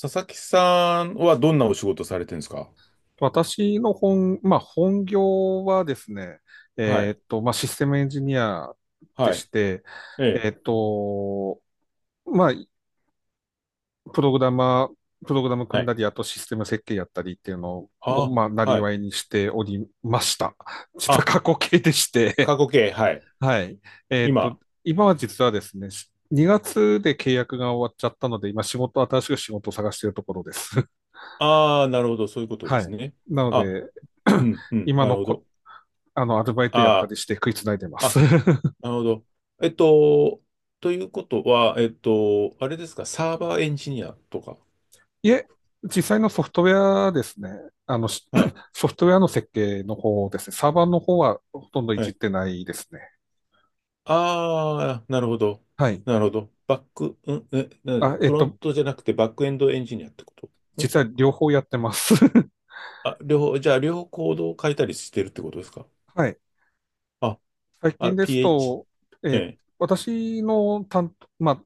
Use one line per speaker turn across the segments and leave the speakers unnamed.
佐々木さんはどんなお仕事されてるんですか？
私の本、まあ、本業はですね、
はい。
まあ、システムエンジニアで
はい。
して、
ええ。
えーっと、まあ、プログラマー、プログラム組
は
んだ
い。
り、あとシステム設計やったりっていうのを、
あ、
まあ、なり
はい。
わいにしておりました。実は
あ、
過去形でして、
過去形。はい。
はい。えーっ
今。
と、今は実はですね、2月で契約が終わっちゃったので、今仕事、新しく仕事を探しているところです。
ああ、なるほど。そういうこ とで
は
す
い。
ね。
なの
あ、
で、
うん、う ん。
今
なる
の
ほ
こ
ど。
あの、アルバイトやった
あ
りして食いつないでま
あ、
す。
あ、なるほど。えっと、ということは、あれですか、サーバーエンジニアとか。
いえ、実際のソフトウェアですね。あの、し
はい。
ソフトウェアの設計の方ですね。サーバーの方はほとんどい
は
じっ
い。
てないですね。
ああ、なるほど。
はい。
なるほど。バック、うん、なんだ
あ、え
フ
っ
ロン
と、
トじゃなくてバックエンドエンジニアってこと？ん、
実は両方やってます。
あ、両方、じゃあ両方コードを変えたりしてるってことですか？
はい。
あ、
最
あ、
近です
PH、
と、
え
えー
え、
私の担当、まあ、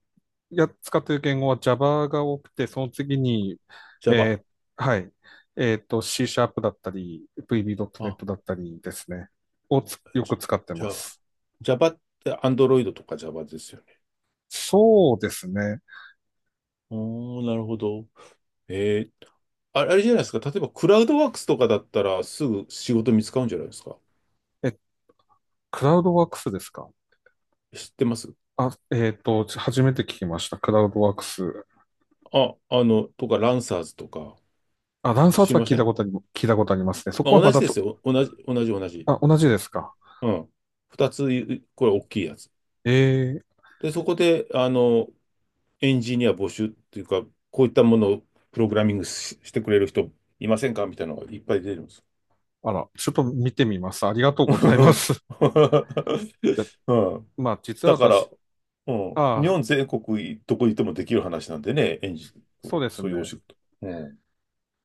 使っている言語は Java が多くて、その次に、
Java。
はい。えっと、C シャープだったり、
あ、
VB.net だったりですね。をつよく
じ
使ってま
Java。
す。
Java って Android とか Java ですよね。
そうですね。
おー、なるほど。ええ、あ、あれじゃないですか。例えばクラウドワークスとかだったらすぐ仕事見つかるんじゃないですか。
え、クラウドワークスですか？
知ってます？
あ、えっと、初めて聞きました。クラウドワークス。
あ、あの、とか、ランサーズとか、
あ、ランサー
知
ズ
り
は
ません？
聞いたことありますね。そ
ま
こ
あ、
はま
同じ
だ
で
と、
すよ。同じ、同じ、同じ。
あ、同じですか。
うん。二つ、これ大きいやつ。
ええ、
で、そこで、あの、エンジニア募集っていうか、こういったものをプログラミングしてくれる人いませんかみたいなのがいっぱい出てるんです。
あら、ちょっと見てみます。ありがとうご ざいます。いや、
うん、
まあ、実は
だか
私、
ら、うん、日
ああ、
本全国どこにいてもできる話なんでね、エンジン、
そうです
そういうお
ね。
仕事。うん、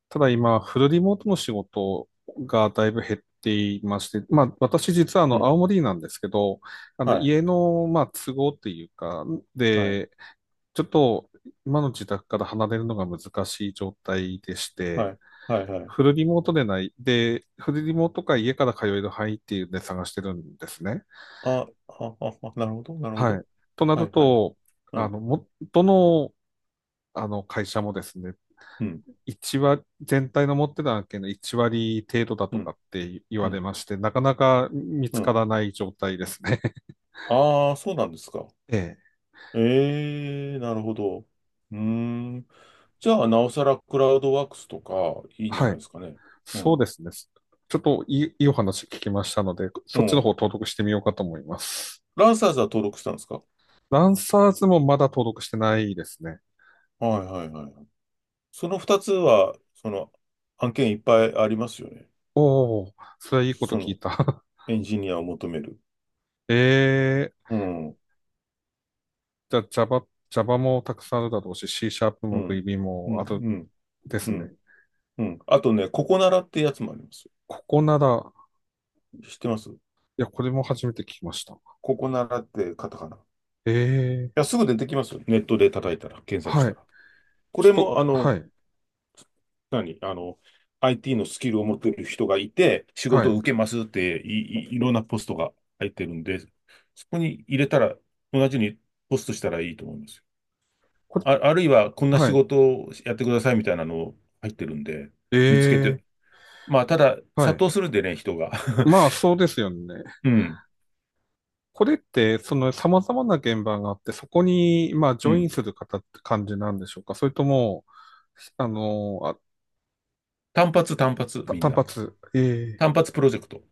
ただ今、フルリモートの仕事がだいぶ減っていまして、まあ、私実はあ
う
の、
ん、
青森なんですけど、あの、
はい、
家の、まあ、都合っていうか、
はい、
で、ちょっと今の自宅から離れるのが難しい状態でし
は
て、
い、はい、はい。
フルリモートでない、で、フルリモートか家から通える範囲っていうので探してるんですね。
あ、あ、あ、あ、なるほど、なるほ
は
ど。
い。とな
は
る
い、はい。
と、
う
あの、
ん、
も、どの、あの会社もですね、
うん、
全体の持ってた案件の1割程度だ
う
とか
ん、
って言
う
われ
ん、
まして、なかなか見
う
つか
ん。
らない状態ですね。
ああ、そうなんですか。
ええ。
ええ、なるほど。うーん。じゃあ、なおさらクラウドワークスとか いいんじゃ
は
ない
い。
ですかね。う
そうで
ん。
すね。ちょっといいお話聞きましたので、
う
そっちの方
ん。
登録してみようかと思います。
ランサーズは登録したんですか？
ランサーズもまだ登録してないですね。
はい、はい、はい。その二つは、その、案件いっぱいありますよね。
おお、それはいいこと
そ
聞
の、
いた。
エンジニアを求める。
ええー、
うん。
じゃあ Java、Java もたくさんあるだろうし、C シャープ
う
も
ん。
VB
う
も
ん。
ある
うん。
で
う
す
ん。
ね。
うん、あとね、ココナラってやつもあります。
ここなら、
知ってます？
いや、これも初めて聞きました。
ココナラってカタカナ。い
ええ
や、
ー、
すぐ出てきますよ。ネットで叩いたら、検索し
は
た
い。
ら。こ
ちょっ
れ
と、
も、あ
は
の、
い、
何、あの、IT のスキルを持っている人がいて、仕
は
事を
い。
受けますっていろんなポストが入ってるんで、そこに入れたら、同じにポストしたらいいと思います。
これ、
あ、あるいは、こんな
は
仕
い。
事をやってくださいみたいなの入ってるんで、見つけて。
ええ
まあ、ただ、
ー、は
殺
い。
到するんでね、人が。
まあ、そうですよね。
うん、
これって、その様々な現場があって、そこに、まあ、ジ
う
ョイン
ん。
する方って感じなんでしょうか？それとも、あの、あ、
単発、単発、
た
みん
単
な。
発。え
単
え、
発プロジェクト。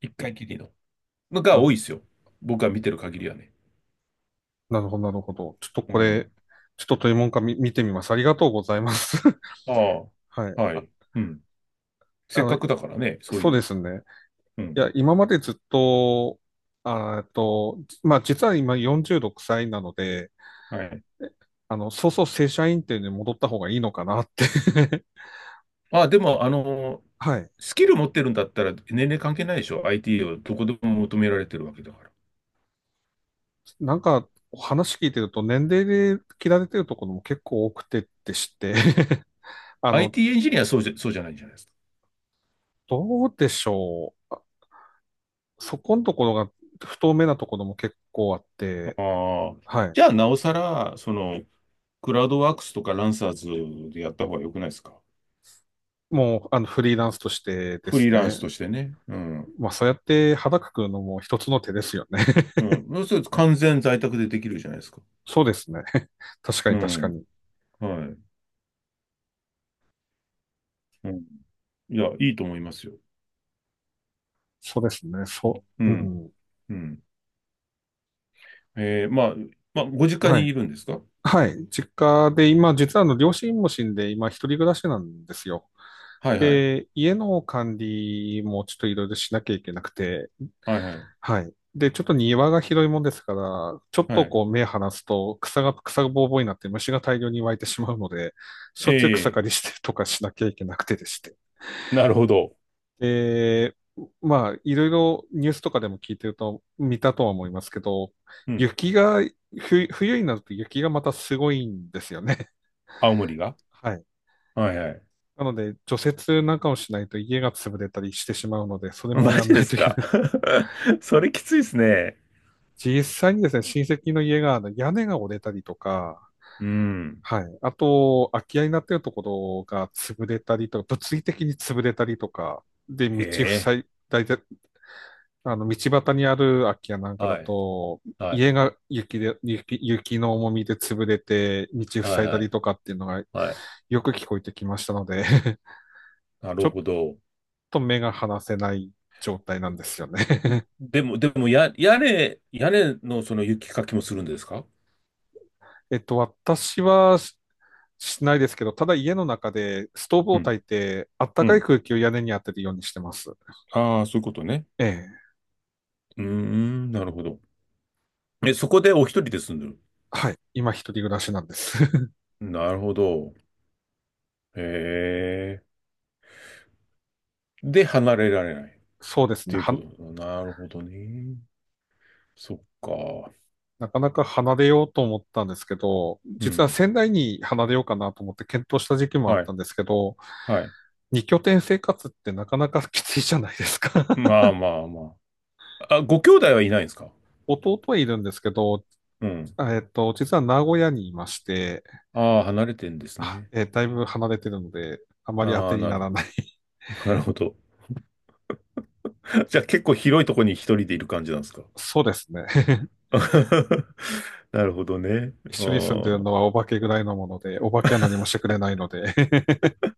一回きりの。のが
なる
多いですよ。僕が見てる限りはね。
なるほど、なるほど。ちょっと
う
これ、
ん。
ちょっとというもんかみ見てみます。ありがとうございます。
あ
はい。
あ、は
あ、
い。うん。せ
あ
っ
の、
かくだからね、そういう
そうで
の。
すね。
う
い
ん。
や、今までずっと、まあ、実は今46歳なので、
はい。
えあの、そうそう正社員っていうのに戻った方がいいのかなって
あ、でも、あの、
はい。
スキル持ってるんだったら年齢関係ないでしょ。IT をどこでも求められてるわけだから。
なんか、話聞いてると年齢で切られてるところも結構多くてってして あの、
IT エンジニアはそうじゃないんじゃないです
どうでしょう。そこのところが不透明なところも結構あっ
か。
て、
ああ。
はい。
じゃあ、なおさら、その、クラウドワークスとかランサーズでやった方が良くないですか。
もう、あの、フリーランスとしてで
フリ
す
ーラン
ね。
スとしてね。うん。
まあ、そうやって肌くくるのも一つの手ですよね。
うん。そうすると完全在宅でできるじゃないですか。
そうですね。確か
う
に確か
ん。
に。
はい。うん。いや、いいと思いますよ。
そうですね。そ
う
う。う
ん。
ん。
うん。まあ、まあ、ご実家
は
に
い。
いるんですか？
はい。実家で今、実はあの、両親も死んで、今、一人暮らしなんですよ。
はい、はい。
で、家の管理もちょっといろいろしなきゃいけなくて、
はい、はい。
はい。で、ちょっと庭が広いもんですから、ちょっ
は
と
い。
こう目離すと草がぼうぼうになって虫が大量に湧いてしまうので、しょっちゅう草
え、
刈りしてとかしなきゃいけなくてでして。
なるほど。
で、まあ、いろいろニュースとかでも聞いてると、見たとは思いますけど、
うん。
雪が、ふ、冬になると雪がまたすごいんですよね。
青森が？
はい。
はい、はい。
なので、除雪なんかをしないと家が潰れたりしてしまうので、それも
マ
やん
ジ
な
で
い
す
といけ
か？
ない。
それきついですね。
実際にですね、親戚の家があの屋根が折れたりとか、
うん。
はい。あと、空き家になっているところが潰れたりとか、物理的に潰れたりとか、で、
え
道
え。
塞い、大体、あの、道端にある空き家なんかだ
はい。
と、
はい。
家が雪で、雪の重みで潰れて、道
はい、
塞いだ
は
り
い。
とかっていうのが
はい。
よく聞こえてきましたので
な
ちょ
る
っ
ほど。
と目が離せない状態なんですよね。
でも、屋根のその雪かきもするんですか？
えっと、私はしないですけど、ただ家の中でストーブを
うん。
焚いて、あった
う
かい
ん。
空気を屋根に当てるようにしてます。
ああ、そういうことね。
ええ。
うーん、なるほど。え、そこでお一人で住んでる？
はい。今一人暮らしなんです。
なるほど。へえ。で、離れられない。っ
そうです
て
ね。
いうこと。なるほどね。そっか。
なかなか離れようと思ったんですけど、
う
実は
ん。
仙台に離れようかなと思って検討した時期もあっ
は
た
い。
んですけど、
はい。
二拠点生活ってなかなかきついじゃないですか。
まあ、まあ、まあ。あ、ご兄弟はいないんですか？
弟はいるんですけど、
うん。
実は名古屋にいまして、
ああ、離れてんですね。
だいぶ離れてるので、あまり当
あ
て
あ、
に
な
な
るほ
ら
ど。
ない。
なるほど。じゃあ結構広いとこに一人でいる感じなんですか？
そうですね。
なるほどね。
一
あ
緒に住んでる
ー、
のはお化けぐらいのもので、お化けは何もしてくれないので、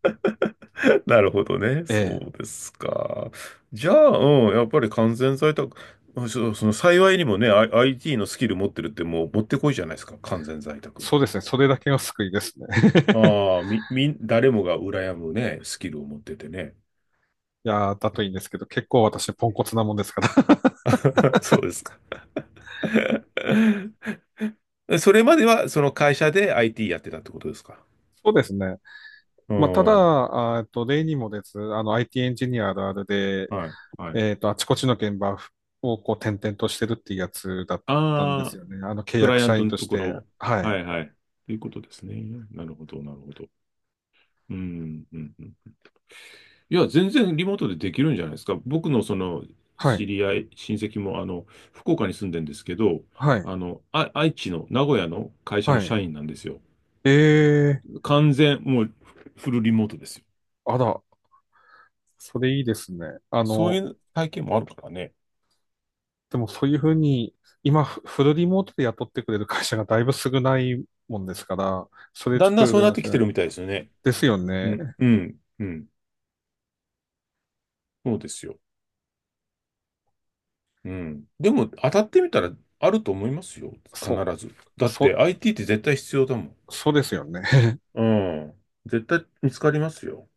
なるほどね。
え
そう
え、
ですか。じゃあ、うん、やっぱり完全在宅、あ、幸いにもね、IT のスキル持ってるってもう持ってこいじゃないですか。完全在宅に。
そうですね。それだけが救いですね。
ああ、誰もが羨むね、スキルを持っててね。
いやー、だといいんですけど、結構私ポンコツなもんですから。
そうですか。それまではその会社で IT やってたってことですか？
そうですね。
う
まあ、ただ、
ん。はい、
例にもです、あの、IT エンジニアあるあるで、
はい。
えっと、あちこちの現場をこう転々としてるっていうやつだったんで
あ
す
あ、
よね。あの、契
クラ
約
イアン
社
ト
員
の
と
と
し
こ
て。
ろ。
は
はい、
い。
はい。ということですね。なるほど、なるほど。うん、うん、うん。いや、全然リモートでできるんじゃないですか。僕のその
はい。
知り合い、親戚も、あの、福岡に住んでんですけど、
はい。
あの、あ、愛知の名古屋の会社
は
の社
い。
員なんですよ。
ええ、
完全、もうフルリモートですよ。
あら、それいいですね。あ
そうい
の、
う体験もあるからね。
でもそういうふうに、今、フルリモートで雇ってくれる会社がだいぶ少ないもんですから、それちょ
だ
っ
ん
と
だんそう
羨
なっ
ま
て
しい
きて
ね。
るみたいですよね。
ですよ
う
ね。
ん、うん、うん。そうですよ。うん。でも、当たってみたらあると思いますよ。必
そ
ず。だ
う、
って
そ
IT って絶対必要だもん。
う、そうですよね。
うん。絶対見つかりますよ。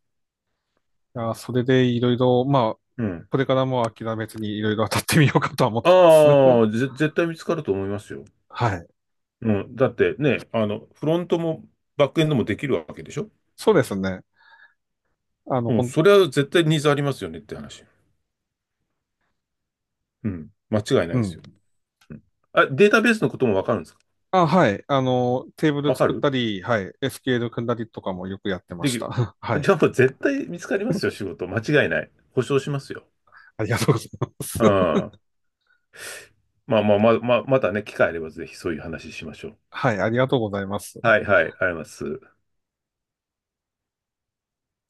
いや、それでいろいろ、まあ、
うん。
これからも諦めずにいろいろ当たってみようかとは思ってます。
ああ、絶対見つかると思いますよ。
はい。
うん。だってね、フロントもバックエンドもできるわけでしょ？
そうですね。あの、
う
ほ
ん。
ん、
それは絶対ニーズありますよねって話。うん。間違いない
う
ですよ。
ん。
うん。あ、データベースのこともわかるんですか？
あ、はい。あの、テーブル
わか
作っ
る
たり、はい。SQL 組んだりとかもよくやってま
で
し
き
た。
る。
はい。
じゃあもう絶対見つかりますよ、仕事。間違いない。保証しますよ。
ありがとうございます。
うん。まあ、まあ、まあ、まあ、またね、機会あればぜひそういう話しましょう。
はい、ありがとうございます。
はい、はい、ありがとうございます。